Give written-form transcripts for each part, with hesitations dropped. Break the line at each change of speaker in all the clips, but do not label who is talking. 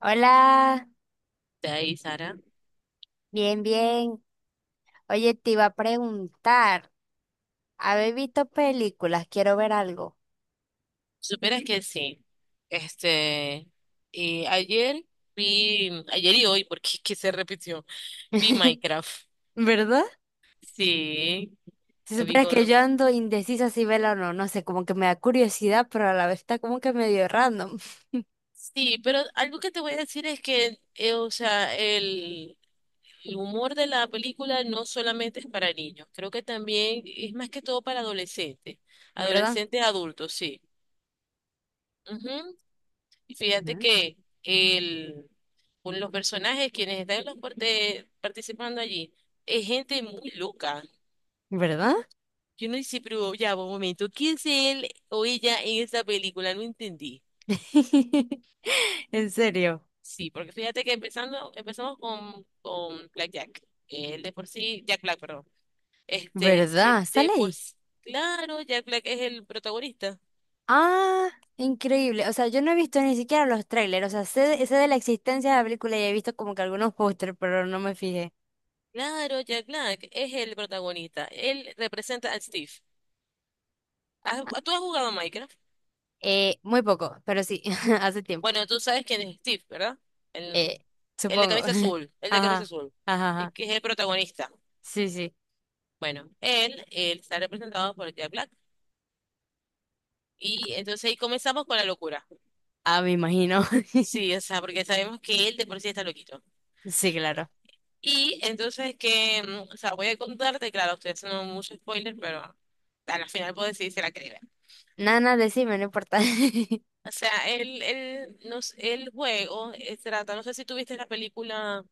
Hola,
De ahí, Sara.
bien, bien. Oye, te iba a preguntar, ¿habéis visto películas? Quiero ver algo.
Si supieras que sí. Este, ayer vi, ayer y hoy, porque es que se repitió, vi Minecraft.
¿Verdad?
Sí,
Si
la vi
supieras que
con...
yo ando indecisa si verla o no, no sé, como que me da curiosidad, pero a la vez está como que medio random,
Sí, pero algo que te voy a decir es que, o sea, el humor de la película no solamente es para niños, creo que también es más que todo para adolescentes,
¿verdad?
adolescentes adultos, sí. Y fíjate
¿Mm?
que el, con los personajes quienes están en los participando allí es gente muy loca.
¿Verdad?
Yo no hice, pero ya, va, un momento, ¿quién es él o ella en esta película? No entendí.
En serio,
Sí, porque fíjate que empezando, empezamos con Black Jack. El de por sí, Jack Black, perdón. Este es el
¿verdad?
de
¿Sale
por
ahí?
sí. Claro, Jack Black es el protagonista.
Ah, increíble. O sea, yo no he visto ni siquiera los trailers, o sea, sé de la existencia de la película y he visto como que algunos pósters, pero no me fijé.
Claro, Jack Black es el protagonista. Él representa a Steve. ¿Tú has jugado Minecraft?
Muy poco, pero sí, hace tiempo.
Bueno, tú sabes quién es Steve, ¿verdad? El,
Eh,
el de
Supongo.
camisa azul, el de camisa
Ajá,
azul,
ajá,
es
ajá.
que es el protagonista.
Sí, sí.
Bueno, él está representado por Jack Black. Y entonces ahí comenzamos con la locura.
Ah, me imagino.
Sí, o sea, porque sabemos que él de por sí está loquito.
Sí, claro.
Y entonces que, o sea, voy a contarte, claro, estoy haciendo mucho spoiler, pero a la final puedo decir si la creí.
Nana decime, no importa.
O sea, el juego trata, no sé si tuviste la película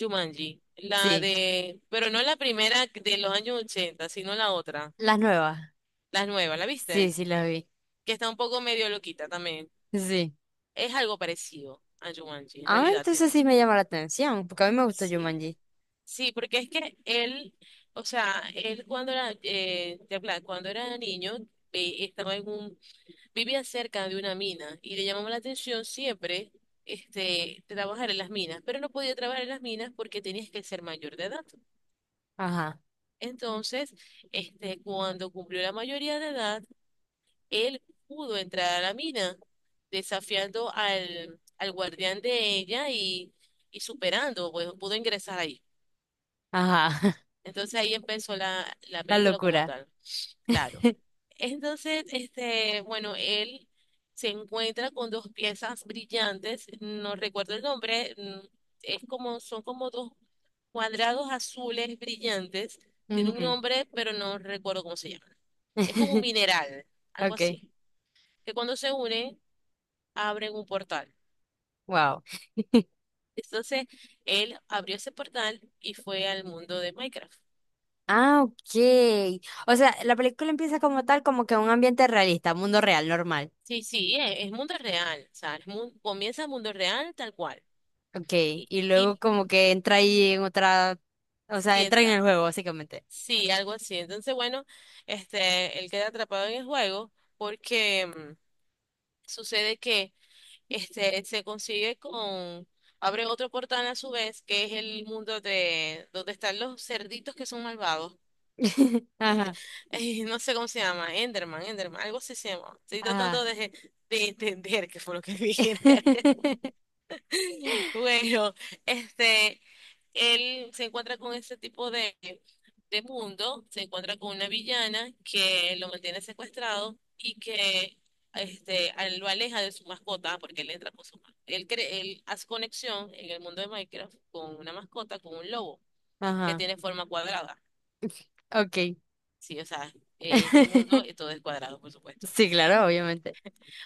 Jumanji, la
Sí,
de, pero no la primera de los años 80 sino la otra,
las nuevas.
la nueva, ¿la
Sí,
viste?
sí, las vi.
Que está un poco medio loquita también.
Sí.
Es algo parecido a Jumanji, en
Ah,
realidad.
entonces sí me llama la atención, porque a mí me gustó
Sí,
Jumanji.
sí, porque es que él, o sea, él cuando era, cuando era niño, estaba en un vivía cerca de una mina y le llamaba la atención siempre este, trabajar en las minas, pero no podía trabajar en las minas porque tenías que ser mayor de edad.
Ajá,
Entonces, este, cuando cumplió la mayoría de edad, él pudo entrar a la mina, desafiando al guardián de ella y superando, pues pudo ingresar ahí.
ajá.
Entonces ahí empezó la
La
película como
locura.
tal. Claro. Entonces, este, bueno, él se encuentra con dos piezas brillantes, no recuerdo el nombre, es como, son como dos cuadrados azules brillantes, tiene un
Ujú.
nombre, pero no recuerdo cómo se llama. Es como un mineral, algo
Okay,
así, que cuando se unen, abren un portal.
wow.
Entonces, él abrió ese portal y fue al mundo de Minecraft.
Ah, ok. O sea, la película empieza como tal, como que un ambiente realista, mundo real, normal.
Sí, sí, es mundo real, o sea, comienza el mundo real tal cual.
Ok,
Y,
y
y
luego como que entra ahí en otra, o sea,
sí.
entra en el juego, básicamente.
Sí, algo así. Entonces, bueno, este, él queda atrapado en el juego porque sucede que este se consigue con, abre otro portal a su vez, que es el mundo de donde están los cerditos que son malvados. Este,
Ajá,
no sé cómo se llama, Enderman, Enderman, algo así se llama. Estoy
ajá.
tratando de entender qué fue lo que dije. Bueno, este, él se encuentra con este tipo de mundo, se encuentra con una villana que lo mantiene secuestrado y que este, a él lo aleja de su mascota, porque él entra con su él hace conexión en el mundo de Minecraft con una mascota, con un lobo, que
Ajá,
tiene forma cuadrada.
ok.
Sí, o sea, este mundo todo es cuadrado, por supuesto.
Sí, claro, obviamente.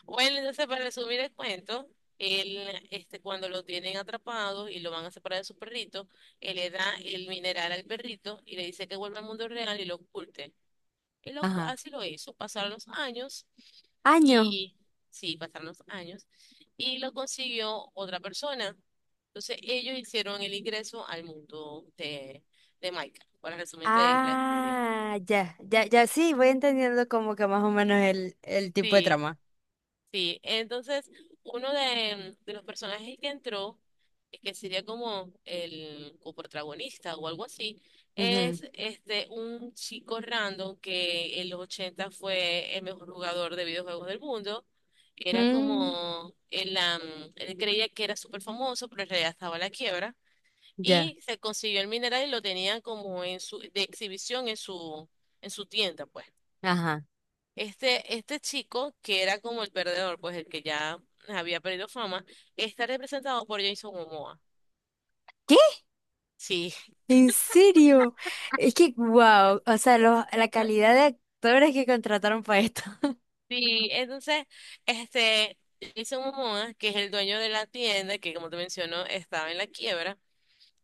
Bueno, entonces para resumir el cuento, él, este, cuando lo tienen atrapado y lo van a separar de su perrito, él le da el mineral al perrito y le dice que vuelva al mundo real y lo oculte.
Ajá.
Así lo hizo, pasaron los años
Año.
y, sí, pasaron los años y lo consiguió otra persona. Entonces ellos hicieron el ingreso al mundo de Micah, para resumirte la historia.
Ah, ya, ya, ya, sí, voy entendiendo como que más o menos el tipo de
sí.
trama.
Sí, entonces uno de los personajes que entró, que sería como el coprotagonista o algo así,
Ujú.
es este un chico random que en los 80 fue el mejor jugador de videojuegos del mundo. Era
Mm,
como, él creía que era súper famoso, pero en realidad estaba a la quiebra.
ya,
Y se consiguió el mineral y lo tenía como en su, de exhibición en su tienda, pues.
ajá.
Este chico, que era como el perdedor, pues el que ya había perdido fama, está representado por Jason Momoa.
¿Qué?
Sí.
¿En serio? Es que, wow, o sea, lo- la calidad de actores que contrataron para esto.
Sí, entonces, este, Jason Momoa, que es el dueño de la tienda, que como te menciono, estaba en la quiebra,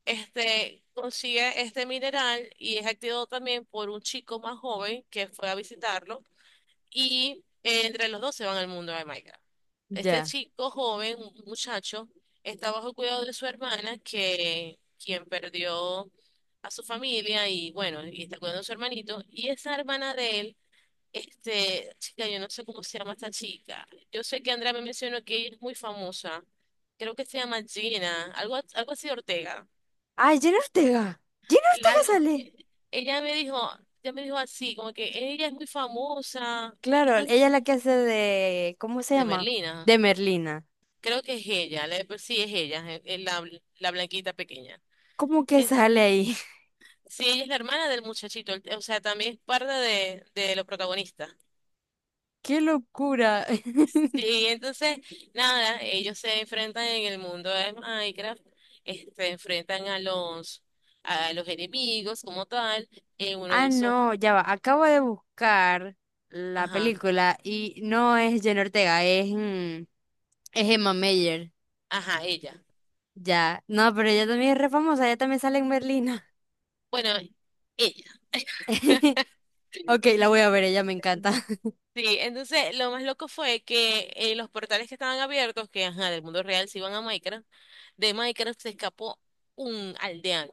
este, consigue este mineral y es activado también por un chico más joven que fue a visitarlo. Y entre los dos se van al mundo de Minecraft. Este
Ya.
chico joven, un muchacho, está bajo cuidado de su hermana, que quien perdió a su familia y bueno, y está cuidando a su hermanito. Y esa hermana de él, este, chica, yo no sé cómo se llama esta chica. Yo sé que Andrea me mencionó que ella es muy famosa. Creo que se llama Gina, algo así Ortega.
Ah, Jenna Ortega. Jenna Ortega
Largo.
sale.
Ella me dijo, ella me dijo así, como que ella es muy famosa,
Claro,
ella-
ella es la que hace de, ¿cómo se
de
llama?
Merlina.
De Merlina.
Creo que es ella, sí es ella, es la, la blanquita pequeña.
¿Cómo que
Es,
sale ahí?
sí, ella es la hermana del muchachito, el- o sea, también es parte de los protagonistas.
¡Qué locura!
Sí, entonces, nada, ellos se enfrentan en el mundo de Minecraft, se enfrentan a a los enemigos como tal, en uno de
Ah,
esos,
no, ya va. Acabo de buscar la
ajá,
película y no es Jenna Ortega, es, mm, es Emma Mayer.
ajá, ella.
Ya. No, pero ella también es re famosa, ella también sale en Merlina.
Bueno, ella.
Ok, la voy a ver, ella me encanta.
Sí, entonces lo más loco fue que los portales que estaban abiertos, que ajá, del mundo real se iban a Minecraft, de Minecraft se escapó un aldeano.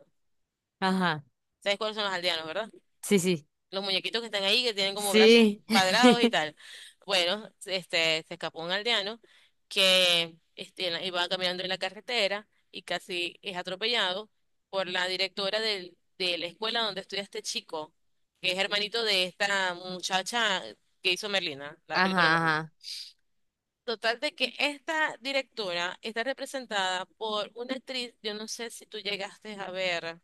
Ajá.
¿Sabes cuáles son los aldeanos, verdad?
Sí, sí.
Los muñequitos que están ahí, que tienen como brazos
Sí.
cuadrados y tal. Bueno, este, se escapó un aldeano que este, iba caminando en la carretera y casi es atropellado por la directora de la escuela donde estudia este chico, que es hermanito de esta muchacha que hizo Merlina, la película
Ajá,
Merlina.
ajá.
Total de que esta directora está representada por una actriz, yo no sé si tú llegaste a ver,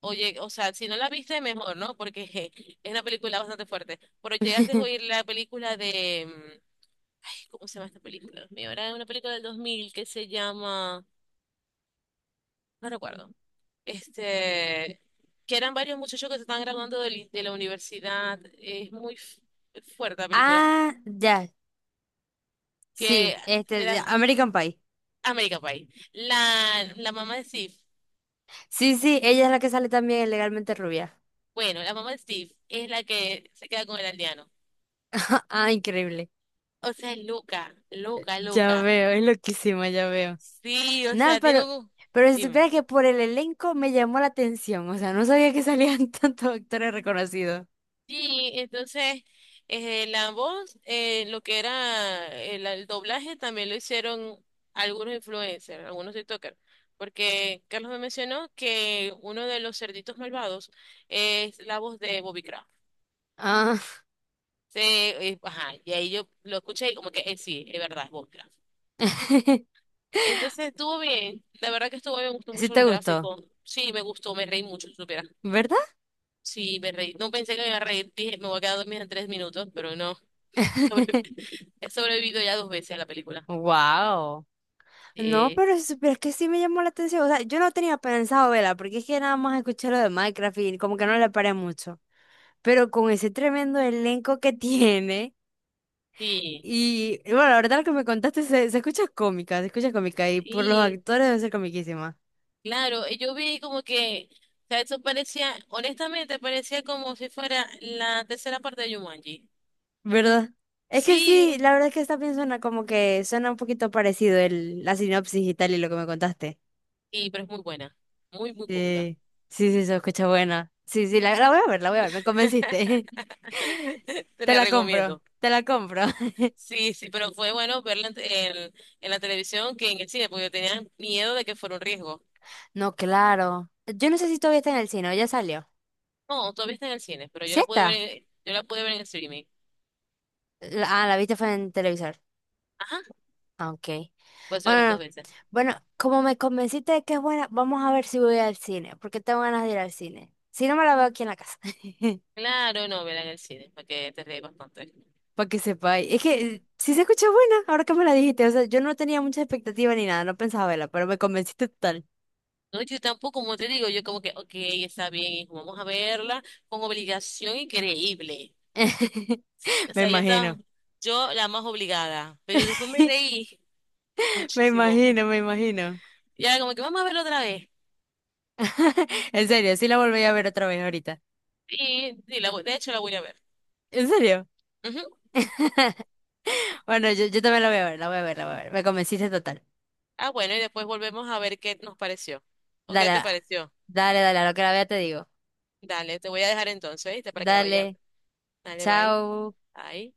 o sea, si no la viste mejor, ¿no? Porque je, es una película bastante fuerte, pero llegaste a oír la película de, ay, ¿cómo se llama esta película? Dios mío, era una película del 2000 que se llama, no recuerdo, este, que eran varios muchachos que se estaban graduando de la universidad, es fuerte la película,
Ah, ya.
que
Sí,
era
este, American Pie.
American Pie. La mamá de Steve.
Sí, sí, ella es la que sale también en Legalmente Rubia.
Bueno, la mamá de Steve es la que se queda con el aldeano.
Ah, increíble.
O sea, es loca, loca,
Ya
loca.
veo, es loquísima, ya veo.
Sí, o
Nada,
sea, tiene un...
pero si
Dime.
supieras que por el elenco me llamó la atención, o sea, no sabía que salían tantos actores reconocidos.
Sí, entonces, la voz, lo que era el doblaje, también lo hicieron algunos influencers, algunos TikTokers. Porque Carlos me mencionó que uno de los cerditos malvados es la voz de Bobby Craft.
Ah,
Sí, ajá, y ahí yo lo escuché y como que sí, es verdad, es Bobby Craft. Entonces estuvo bien, la verdad que estuvo bien, me gustó
sí
mucho
te
los
gustó,
gráficos. Sí, me gustó, me reí mucho, si supiera.
¿verdad?
Sí, me reí. No pensé que me iba a reír, dije, me voy a quedar dormida en tres minutos, pero no. Sobre- he sobrevivido ya dos veces a la película.
Wow. No,
Sí,
pero si supieras que sí me llamó la atención, o sea, yo no tenía pensado verla, porque es que nada más escuché lo de Minecraft y como que no le paré mucho. Pero con ese tremendo elenco que tiene.
sí,
Y bueno, la verdad lo que me contaste se, se escucha cómica y por los
sí,
actores debe ser comiquísima,
claro. Y yo vi como que, o sea, eso parecía, honestamente, parecía como si fuera la tercera parte de Jumanji.
¿verdad? Es que sí,
Sí,
la verdad es que esta bien suena como que suena un poquito parecido el, la sinopsis y tal y lo que me contaste.
y, pero es muy buena, muy, muy cómica.
Sí, sí, sí, se escucha buena. Sí, sí, la voy a ver, la voy a ver, me convenciste.
Te
Te
la
la compro,
recomiendo.
te la compro.
Sí, sí, pero fue bueno verla en, en- en la televisión que en el cine, porque yo tenía miedo de que fuera un riesgo.
No, claro. Yo no sé si todavía está en el cine, ¿o ya salió?
No, todavía está en el cine, pero yo
¿Sí
la pude
está?
ver, yo la pude ver en el streaming.
La- Ah, la viste fue en televisor.
Ajá,
Ah, ok.
por eso la he
Bueno,
visto dos
no.
veces.
Bueno, como me convenciste de que es buena, vamos a ver si voy al cine, porque tengo ganas de ir al cine. Si no, me la veo aquí en la casa.
Claro, no, verla en el cine, para que te ríes bastante.
Para que sepáis. Es que sí se escucha buena, ahora que me la dijiste. O sea, yo no tenía mucha expectativa ni nada, no pensaba verla, pero me convenciste total.
No, yo tampoco, como te digo, yo como que, ok, está bien, hijo, vamos a verla con obligación increíble. O
Me
sea, yo estaba,
imagino.
yo la más obligada, pero después me reí
Me
muchísimo.
imagino, me imagino.
Y ahora como que vamos a verla otra vez.
En serio, sí la volví a ver otra vez ahorita.
De hecho la voy a ver.
¿En serio?
Ujú.
Bueno, yo también la voy a ver, la voy a ver, la voy a ver. Me convenciste total.
Ah, bueno, y después volvemos a ver qué nos pareció. ¿O qué te
Dale,
pareció?
dale, dale, a lo que la vea te digo.
Dale, te voy a dejar entonces, ¿viste? Para que la vayas a ver.
Dale.
Dale, bye.
Chao.
Bye.